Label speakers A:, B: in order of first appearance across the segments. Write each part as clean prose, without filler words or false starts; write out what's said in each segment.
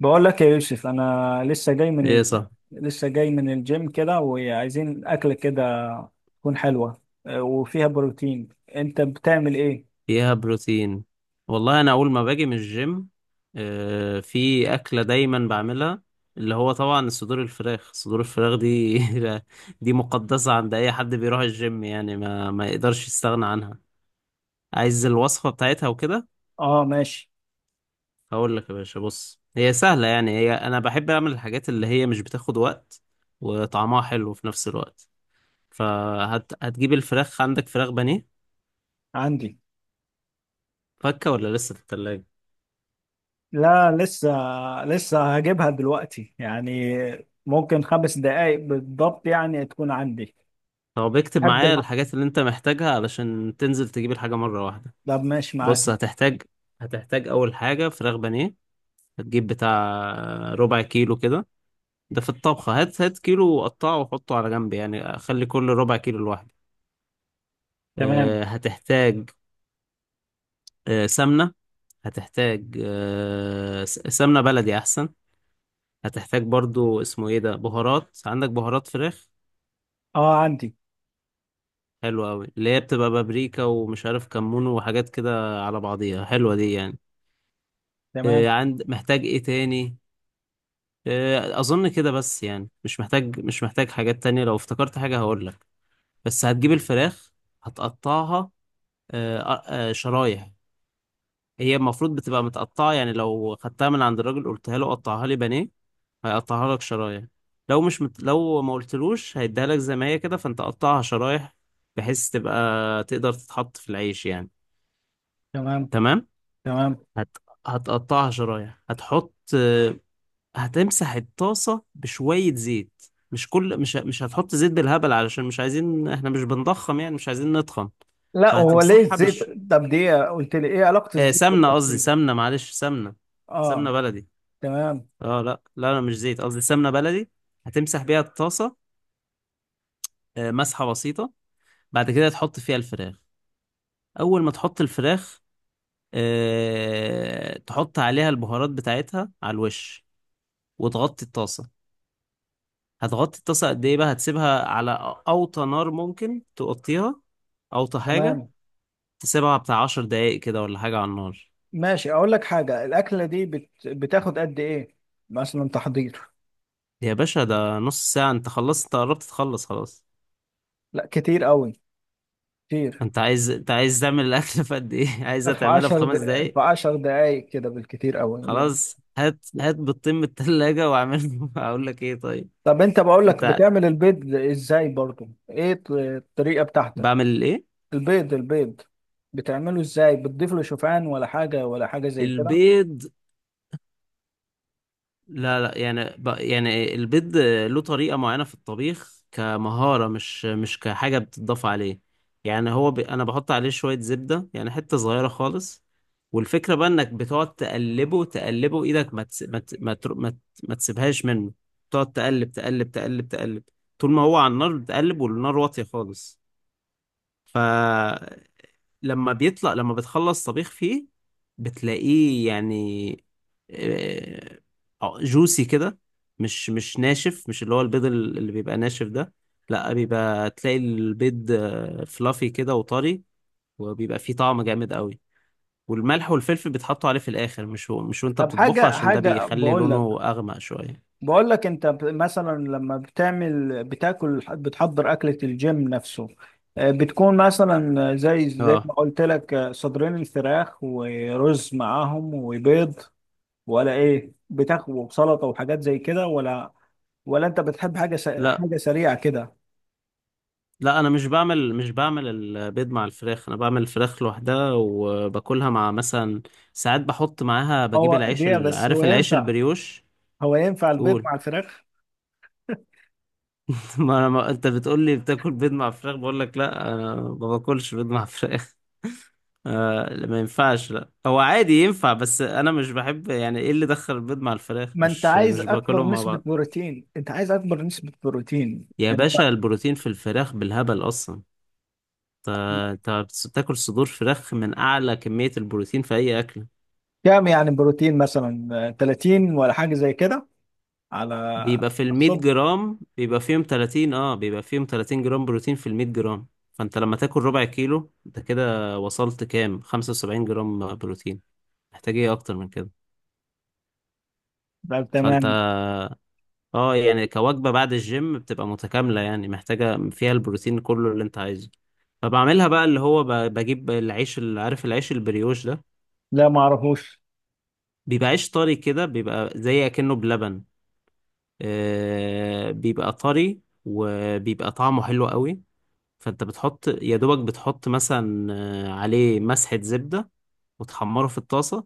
A: بقول لك يا يوسف، انا
B: ايه صح.
A: لسه جاي من الجيم كده، وعايزين اكله كده تكون حلوه، وفيها بروتين. انت بتعمل ايه؟
B: فيها بروتين. والله انا اول ما باجي من الجيم في اكله دايما بعملها، اللي هو طبعا صدور الفراخ دي دي مقدسه عند اي حد بيروح الجيم، يعني ما يقدرش يستغنى عنها. عايز الوصفه بتاعتها وكده.
A: اه، ماشي.
B: هقول لك يا باشا، بص هي سهله، يعني هي انا بحب اعمل الحاجات اللي هي مش بتاخد وقت وطعمها حلو في نفس الوقت. فهتجيب الفراخ. عندك فراخ بانيه؟
A: عندي.
B: فكه ولا لسه في التلاجة؟
A: لا، لسه. لسه هجيبها دلوقتي يعني. ممكن خمس دقايق بالضبط يعني تكون عندي.
B: هو بيكتب
A: احب
B: معايا
A: الح...
B: الحاجات اللي انت محتاجها علشان تنزل تجيب الحاجة مرة واحدة.
A: طب، ماشي معاك.
B: بص هتحتاج، اول حاجة فراخ بانيه. هتجيب بتاع ربع كيلو كده. ده في الطبخة هات هات كيلو وقطعه وحطه على جنب، يعني خلي كل ربع كيلو لوحده.
A: تمام.
B: هتحتاج سمنة. هتحتاج سمنة بلدي احسن. هتحتاج برضو اسمه ايه ده، بهارات. عندك بهارات فراخ؟
A: اه، عندي.
B: حلوة أوي، اللي هي بتبقى بابريكا ومش عارف كمون وحاجات كده على بعضيها، حلوة دي يعني.
A: تمام.
B: عند محتاج ايه تاني؟ اظن كده بس، يعني مش محتاج حاجات تانية. لو افتكرت حاجة هقولك. بس هتجيب الفراخ، هتقطعها شرايح. هي المفروض بتبقى متقطعة، يعني لو خدتها من عند الراجل قلتها له قطعها لي بانيه هيقطعها لك شرايح. لو مش مت... لو ما قلتلوش هيديها لك زي ما هي كده، فانت قطعها شرايح بحيث تبقى تقدر تتحط في العيش يعني.
A: تمام.
B: تمام.
A: تمام.
B: هت... هتقطعها شرايح، هتحط، هتمسح الطاسة بشوية زيت. مش كل مش مش هتحط زيت بالهبل، علشان مش عايزين، احنا مش بنضخم يعني، مش عايزين نتخن.
A: لا، هو ليه
B: فهتمسحها
A: الزيت؟ طب دي قلت لي ايه علاقه الزيت
B: سمنة، قصدي
A: بالبطيخ؟
B: سمنة، معلش سمنة،
A: اه.
B: سمنة بلدي.
A: تمام.
B: اه، لا لا لا مش زيت، قصدي سمنة بلدي. هتمسح بيها الطاسة، مسحة بسيطة. بعد كده تحط فيها الفراخ. أول ما تحط الفراخ تحط عليها البهارات بتاعتها على الوش وتغطي الطاسة. هتغطي الطاسة قد ايه بقى؟ هتسيبها على اوطى نار، ممكن تغطيها اوطى حاجة.
A: تمام.
B: تسيبها بتاع 10 دقايق كده ولا حاجة على النار.
A: ماشي، اقول لك حاجه، الاكله دي بتاخد قد ايه؟ مثلا تحضير.
B: يا باشا، ده نص ساعة، انت خلصت، انت قربت تخلص خلاص.
A: لا، كتير قوي. كتير.
B: انت عايز تعمل الاكل في قد ايه؟ عايزها
A: في
B: تعملها في
A: 10 د...
B: خمس
A: في
B: دقايق
A: 10 دقائق كده بالكتير قوي يعني.
B: خلاص هات هات بيضتين من التلاجة واعمله. اقول لك ايه، طيب.
A: طب انت بقول لك
B: انت
A: بتعمل البيض ازاي؟ برضو ايه الطريقه بتاعتك؟
B: بعمل ايه؟
A: البيض، البيض بتعمله ازاي؟ بتضيف له شوفان ولا حاجه، ولا حاجه زي كده؟
B: البيض. لا لا، يعني يعني البيض له طريقة معينة في الطبيخ كمهارة، مش كحاجة بتضاف عليه. يعني أنا بحط عليه شوية زبدة، يعني حتة صغيرة خالص. والفكرة بقى إنك بتقعد تقلبه تقلبه، إيدك ما تس... ما ت... ما, تر... ما, ت... ما تسيبهاش منه. تقعد تقلب تقلب تقلب تقلب طول ما هو على النار، بتقلب والنار واطية خالص. ف لما بتخلص طبيخ فيه بتلاقيه يعني جوسي كده، مش ناشف، مش اللي هو البيض اللي بيبقى ناشف ده. لا، بيبقى تلاقي البيض فلافي كده وطري، وبيبقى فيه طعم جامد قوي. والملح والفلفل بيتحطوا عليه في الاخر، مش هو مش وانت
A: طب
B: بتطبخه،
A: حاجه
B: عشان ده
A: حاجه
B: بيخلي
A: بقول لك.
B: لونه اغمق شويه.
A: بقول لك، انت مثلا لما بتعمل بتاكل بتحضر اكلة الجيم نفسه، بتكون مثلا زي
B: اه،
A: ما قلت لك، صدرين الفراخ ورز معاهم وبيض، ولا ايه؟ بتاخد وسلطة وحاجات زي كده، ولا؟ ولا انت بتحب
B: لا
A: حاجة سريعة كده؟
B: لا، انا مش بعمل البيض مع الفراخ، انا بعمل الفراخ لوحدها وباكلها مع مثلا، ساعات بحط معاها، بجيب
A: هو
B: العيش
A: دي بس هو
B: عارف العيش
A: ينفع؟
B: البريوش.
A: هو ينفع البيض
B: قول.
A: مع الفراخ؟
B: ما انا ما... انت بتقول لي بتاكل بيض مع فراخ، بقول لك لا انا ما باكلش بيض مع فراخ. آه لا، ما ينفعش، لا هو عادي ينفع بس انا مش بحب، يعني ايه اللي دخل البيض مع الفراخ،
A: ما انت
B: مش
A: عايز
B: مش
A: اكبر
B: باكلهم مع
A: نسبة
B: بعض.
A: بروتين، انت عايز اكبر نسبة بروتين.
B: يا باشا البروتين في الفراخ بالهبل اصلا. انت أنت بتاكل صدور فراخ من اعلى كمية البروتين في اي اكل.
A: كام يعني بروتين مثلا، 30 ولا حاجة زي كده؟ على
B: بيبقى في ال 100
A: الصبح.
B: جرام بيبقى فيهم 30، اه بيبقى فيهم 30 جرام بروتين في ال 100 جرام. فانت لما تاكل ربع كيلو انت كده وصلت كام، 75 جرام بروتين. محتاج ايه اكتر من كده؟
A: طب،
B: فانت،
A: تمام.
B: اه يعني كوجبة بعد الجيم بتبقى متكاملة يعني، محتاجة فيها البروتين كله اللي انت عايزه. فبعملها بقى اللي هو بجيب العيش اللي، عارف العيش البريوش ده،
A: لا، ما اعرفوش.
B: بيبقى عيش طري كده، بيبقى زي اكنه بلبن. آه بيبقى طري وبيبقى طعمه حلو قوي. فانت بتحط يا دوبك، بتحط مثلا عليه مسحة زبدة وتحمره في الطاسة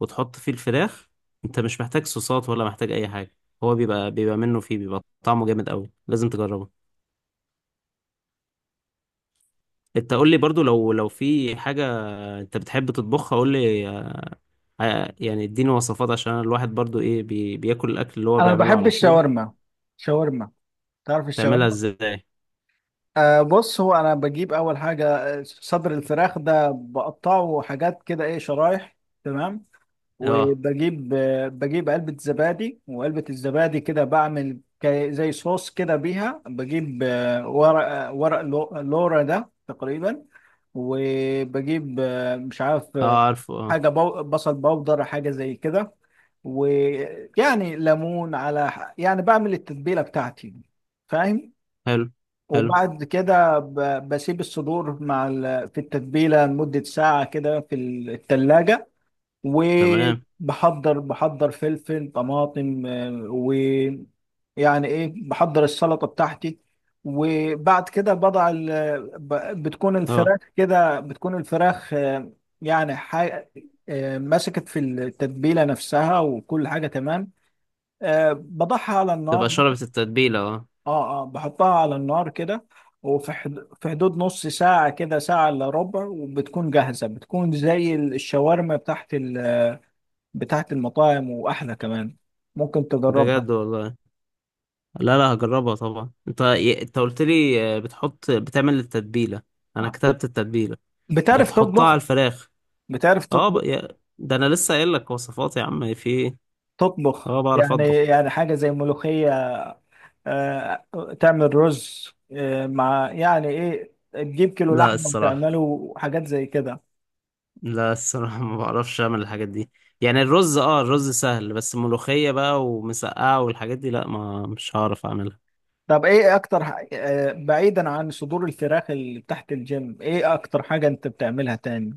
B: وتحط فيه الفراخ. انت مش محتاج صوصات ولا محتاج اي حاجة. هو بيبقى منه فيه، بيبقى طعمه جامد قوي، لازم تجربه. انت قول لي برضو لو في حاجة انت بتحب تطبخها، قول لي يعني اديني وصفات، عشان أنا الواحد برضو ايه بياكل الاكل اللي هو
A: انا
B: بيعمله
A: بحب
B: على طول.
A: الشاورما. شاورما. تعرف
B: تعملها
A: الشاورما؟
B: ازاي؟
A: أه، بص، هو انا بجيب اول حاجه صدر الفراخ ده، بقطعه حاجات كده، ايه، شرايح. تمام.
B: اه.
A: وبجيب آه، بجيب علبه زبادي، وعلبه الزبادي كده بعمل زي صوص كده بيها. بجيب ورق، لورا ده تقريبا. وبجيب، مش عارف،
B: اه عارفه اه.
A: حاجة بصل بودر، حاجة زي كده. ويعني ليمون على يعني بعمل التتبيلة بتاعتي، فاهم.
B: حلو. حلو.
A: وبعد كده بسيب الصدور في التتبيلة لمدة ساعة كده في التلاجة.
B: تمام.
A: وبحضر فلفل طماطم، يعني ايه، بحضر السلطه بتاعتي. وبعد كده بتكون
B: اه،
A: الفراخ كده بتكون الفراخ آه، يعني حي... آه، مسكت في التتبيله نفسها، وكل حاجه تمام. بضعها على النار.
B: تبقى شربت التتبيلة، اه.
A: اه، اه، بحطها على النار كده. في حدود نص ساعه كده، ساعه الا ربع، وبتكون جاهزه، بتكون زي الشاورما بتاعت المطاعم، واحلى كمان. ممكن تجربها.
B: بجد والله. لا لا، هجربها طبعا. انت انت قلت لي بتحط، بتعمل التتبيله، انا
A: آه.
B: كتبت التتبيله،
A: بتعرف
B: بتحطها على
A: تطبخ؟
B: الفراخ.
A: بتعرف
B: اه
A: تطبخ؟
B: ده انا لسه قايل لك وصفات يا عم، في ايه.
A: تطبخ
B: اه بعرف
A: يعني
B: اطبخ.
A: يعني حاجة زي ملوخية، آه، تعمل رز، مع، يعني ايه، تجيب كيلو
B: لا
A: لحمة
B: الصراحه،
A: وتعمله حاجات زي كده.
B: لا الصراحه ما بعرفش اعمل الحاجات دي. يعني الرز اه الرز سهل بس ملوخيه بقى ومسقعه والحاجات دي لا، ما مش هعرف اعملها.
A: طب ايه اكتر بعيدا عن صدور الفراخ اللي تحت الجيم، ايه اكتر حاجة انت بتعملها تاني؟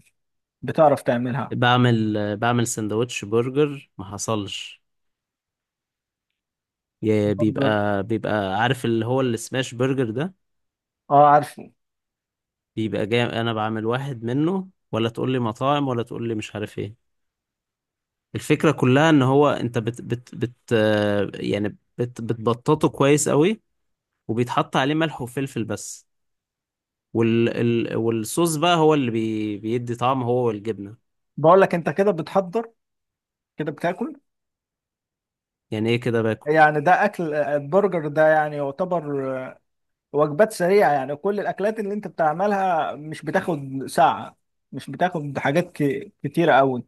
A: بتعرف تعملها.
B: بعمل بعمل سندوتش برجر ما حصلش.
A: برجر.
B: بيبقى عارف اللي هو السماش برجر ده،
A: اه، عارفه.
B: بيبقى جاي انا بعمل واحد منه ولا تقول لي مطاعم ولا تقول لي مش عارف ايه. الفكرة كلها ان هو انت بت بت بت يعني بتبططه كويس قوي، وبيتحط عليه ملح وفلفل بس. وال ال والصوص بقى هو اللي بيدي طعم، هو والجبنة.
A: بقول لك انت كده بتحضر، كده بتاكل.
B: يعني ايه كده باكل؟
A: يعني ده اكل، البرجر ده يعني يعتبر وجبات سريعة، يعني كل الأكلات اللي أنت بتعملها مش بتاخد ساعة، مش بتاخد حاجات كتيرة أوي.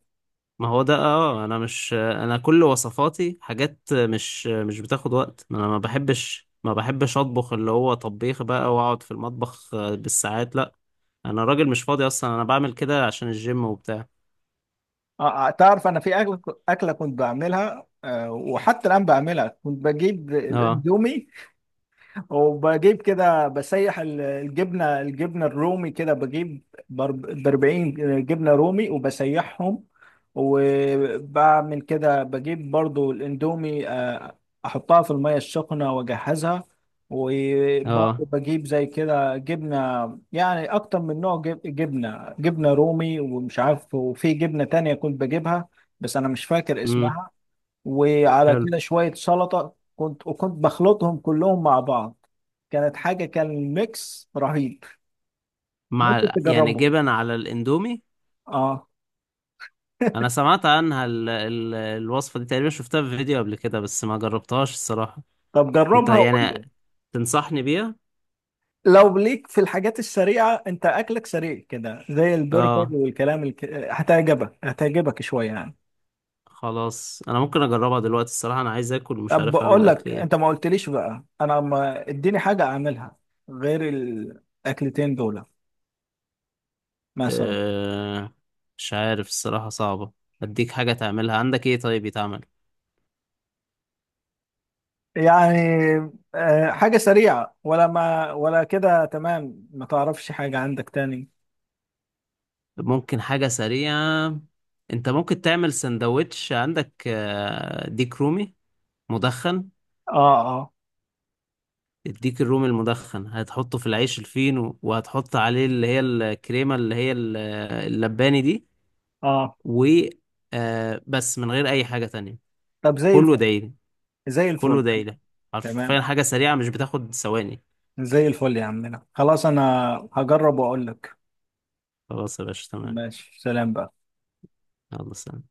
B: ما هو ده. اه انا مش، انا كل وصفاتي حاجات مش بتاخد وقت، ما انا ما بحبش اطبخ اللي هو طبيخ بقى واقعد في المطبخ بالساعات لا. انا راجل مش فاضي اصلا، انا بعمل كده عشان الجيم وبتاع.
A: تعرف، أنا في أكلة، أكلة كنت بعملها، وحتى الآن بعملها، كنت بجيب
B: اه.
A: الأندومي، وبجيب كده، بسيح الجبنه الرومي، كده بجيب ب 40 جبنه رومي وبسيحهم، وبعمل كده بجيب برضو الاندومي، احطها في الميه السخنه واجهزها، وبرضو
B: اه.
A: بجيب زي كده جبنه، يعني اكتر من نوع، جبنه رومي، ومش عارف، وفي جبنه تانية كنت بجيبها، بس انا مش فاكر
B: امم.
A: اسمها. وعلى
B: حلو.
A: كده شويه سلطه، كنت بخلطهم كلهم مع بعض. كانت حاجة، كان ميكس رهيب. ممكن
B: مع يعني
A: تجربه.
B: جبن على الاندومي؟
A: اه.
B: انا سمعت عنها الوصفة دي تقريبا، شفتها في فيديو قبل كده بس ما جربتهاش الصراحة.
A: طب
B: انت
A: جربها وقول
B: يعني
A: لي.
B: تنصحني بيها؟
A: لو ليك في الحاجات السريعة، انت اكلك سريع كده زي البرجر
B: اه.
A: والكلام هتعجبك شوية يعني.
B: خلاص انا ممكن اجربها دلوقتي الصراحة، انا عايز اكل ومش
A: طب
B: عارف
A: بقول
B: اعمل اكل
A: لك،
B: ايه.
A: انت ما قلتليش بقى، انا، ما اديني حاجة اعملها غير الاكلتين دول، مثلا،
B: أه... مش عارف الصراحة صعبة. اديك حاجة تعملها، عندك ايه طيب يتعمل؟
A: يعني. حاجة سريعة ولا، ما ولا كده، تمام، ما تعرفش حاجة عندك تاني.
B: ممكن حاجة سريعة. انت ممكن تعمل سندوتش. عندك ديك رومي مدخن.
A: اه، اه،
B: الديك الرومي المدخن هتحطه في العيش الفينو وهتحط عليه اللي هي الكريمة اللي هي اللباني دي،
A: اه.
B: و بس من غير أي حاجة تانية.
A: طب زي
B: كله
A: الفل.
B: دايلي.
A: زي
B: كله
A: الفل.
B: دايلي،
A: تمام.
B: حرفيا حاجة سريعة مش بتاخد ثواني.
A: زي الفل يا عمنا، خلاص، انا هجرب واقول لك.
B: خلاص يا باشا تمام.
A: ماشي، سلام بقى.
B: يلا سلام.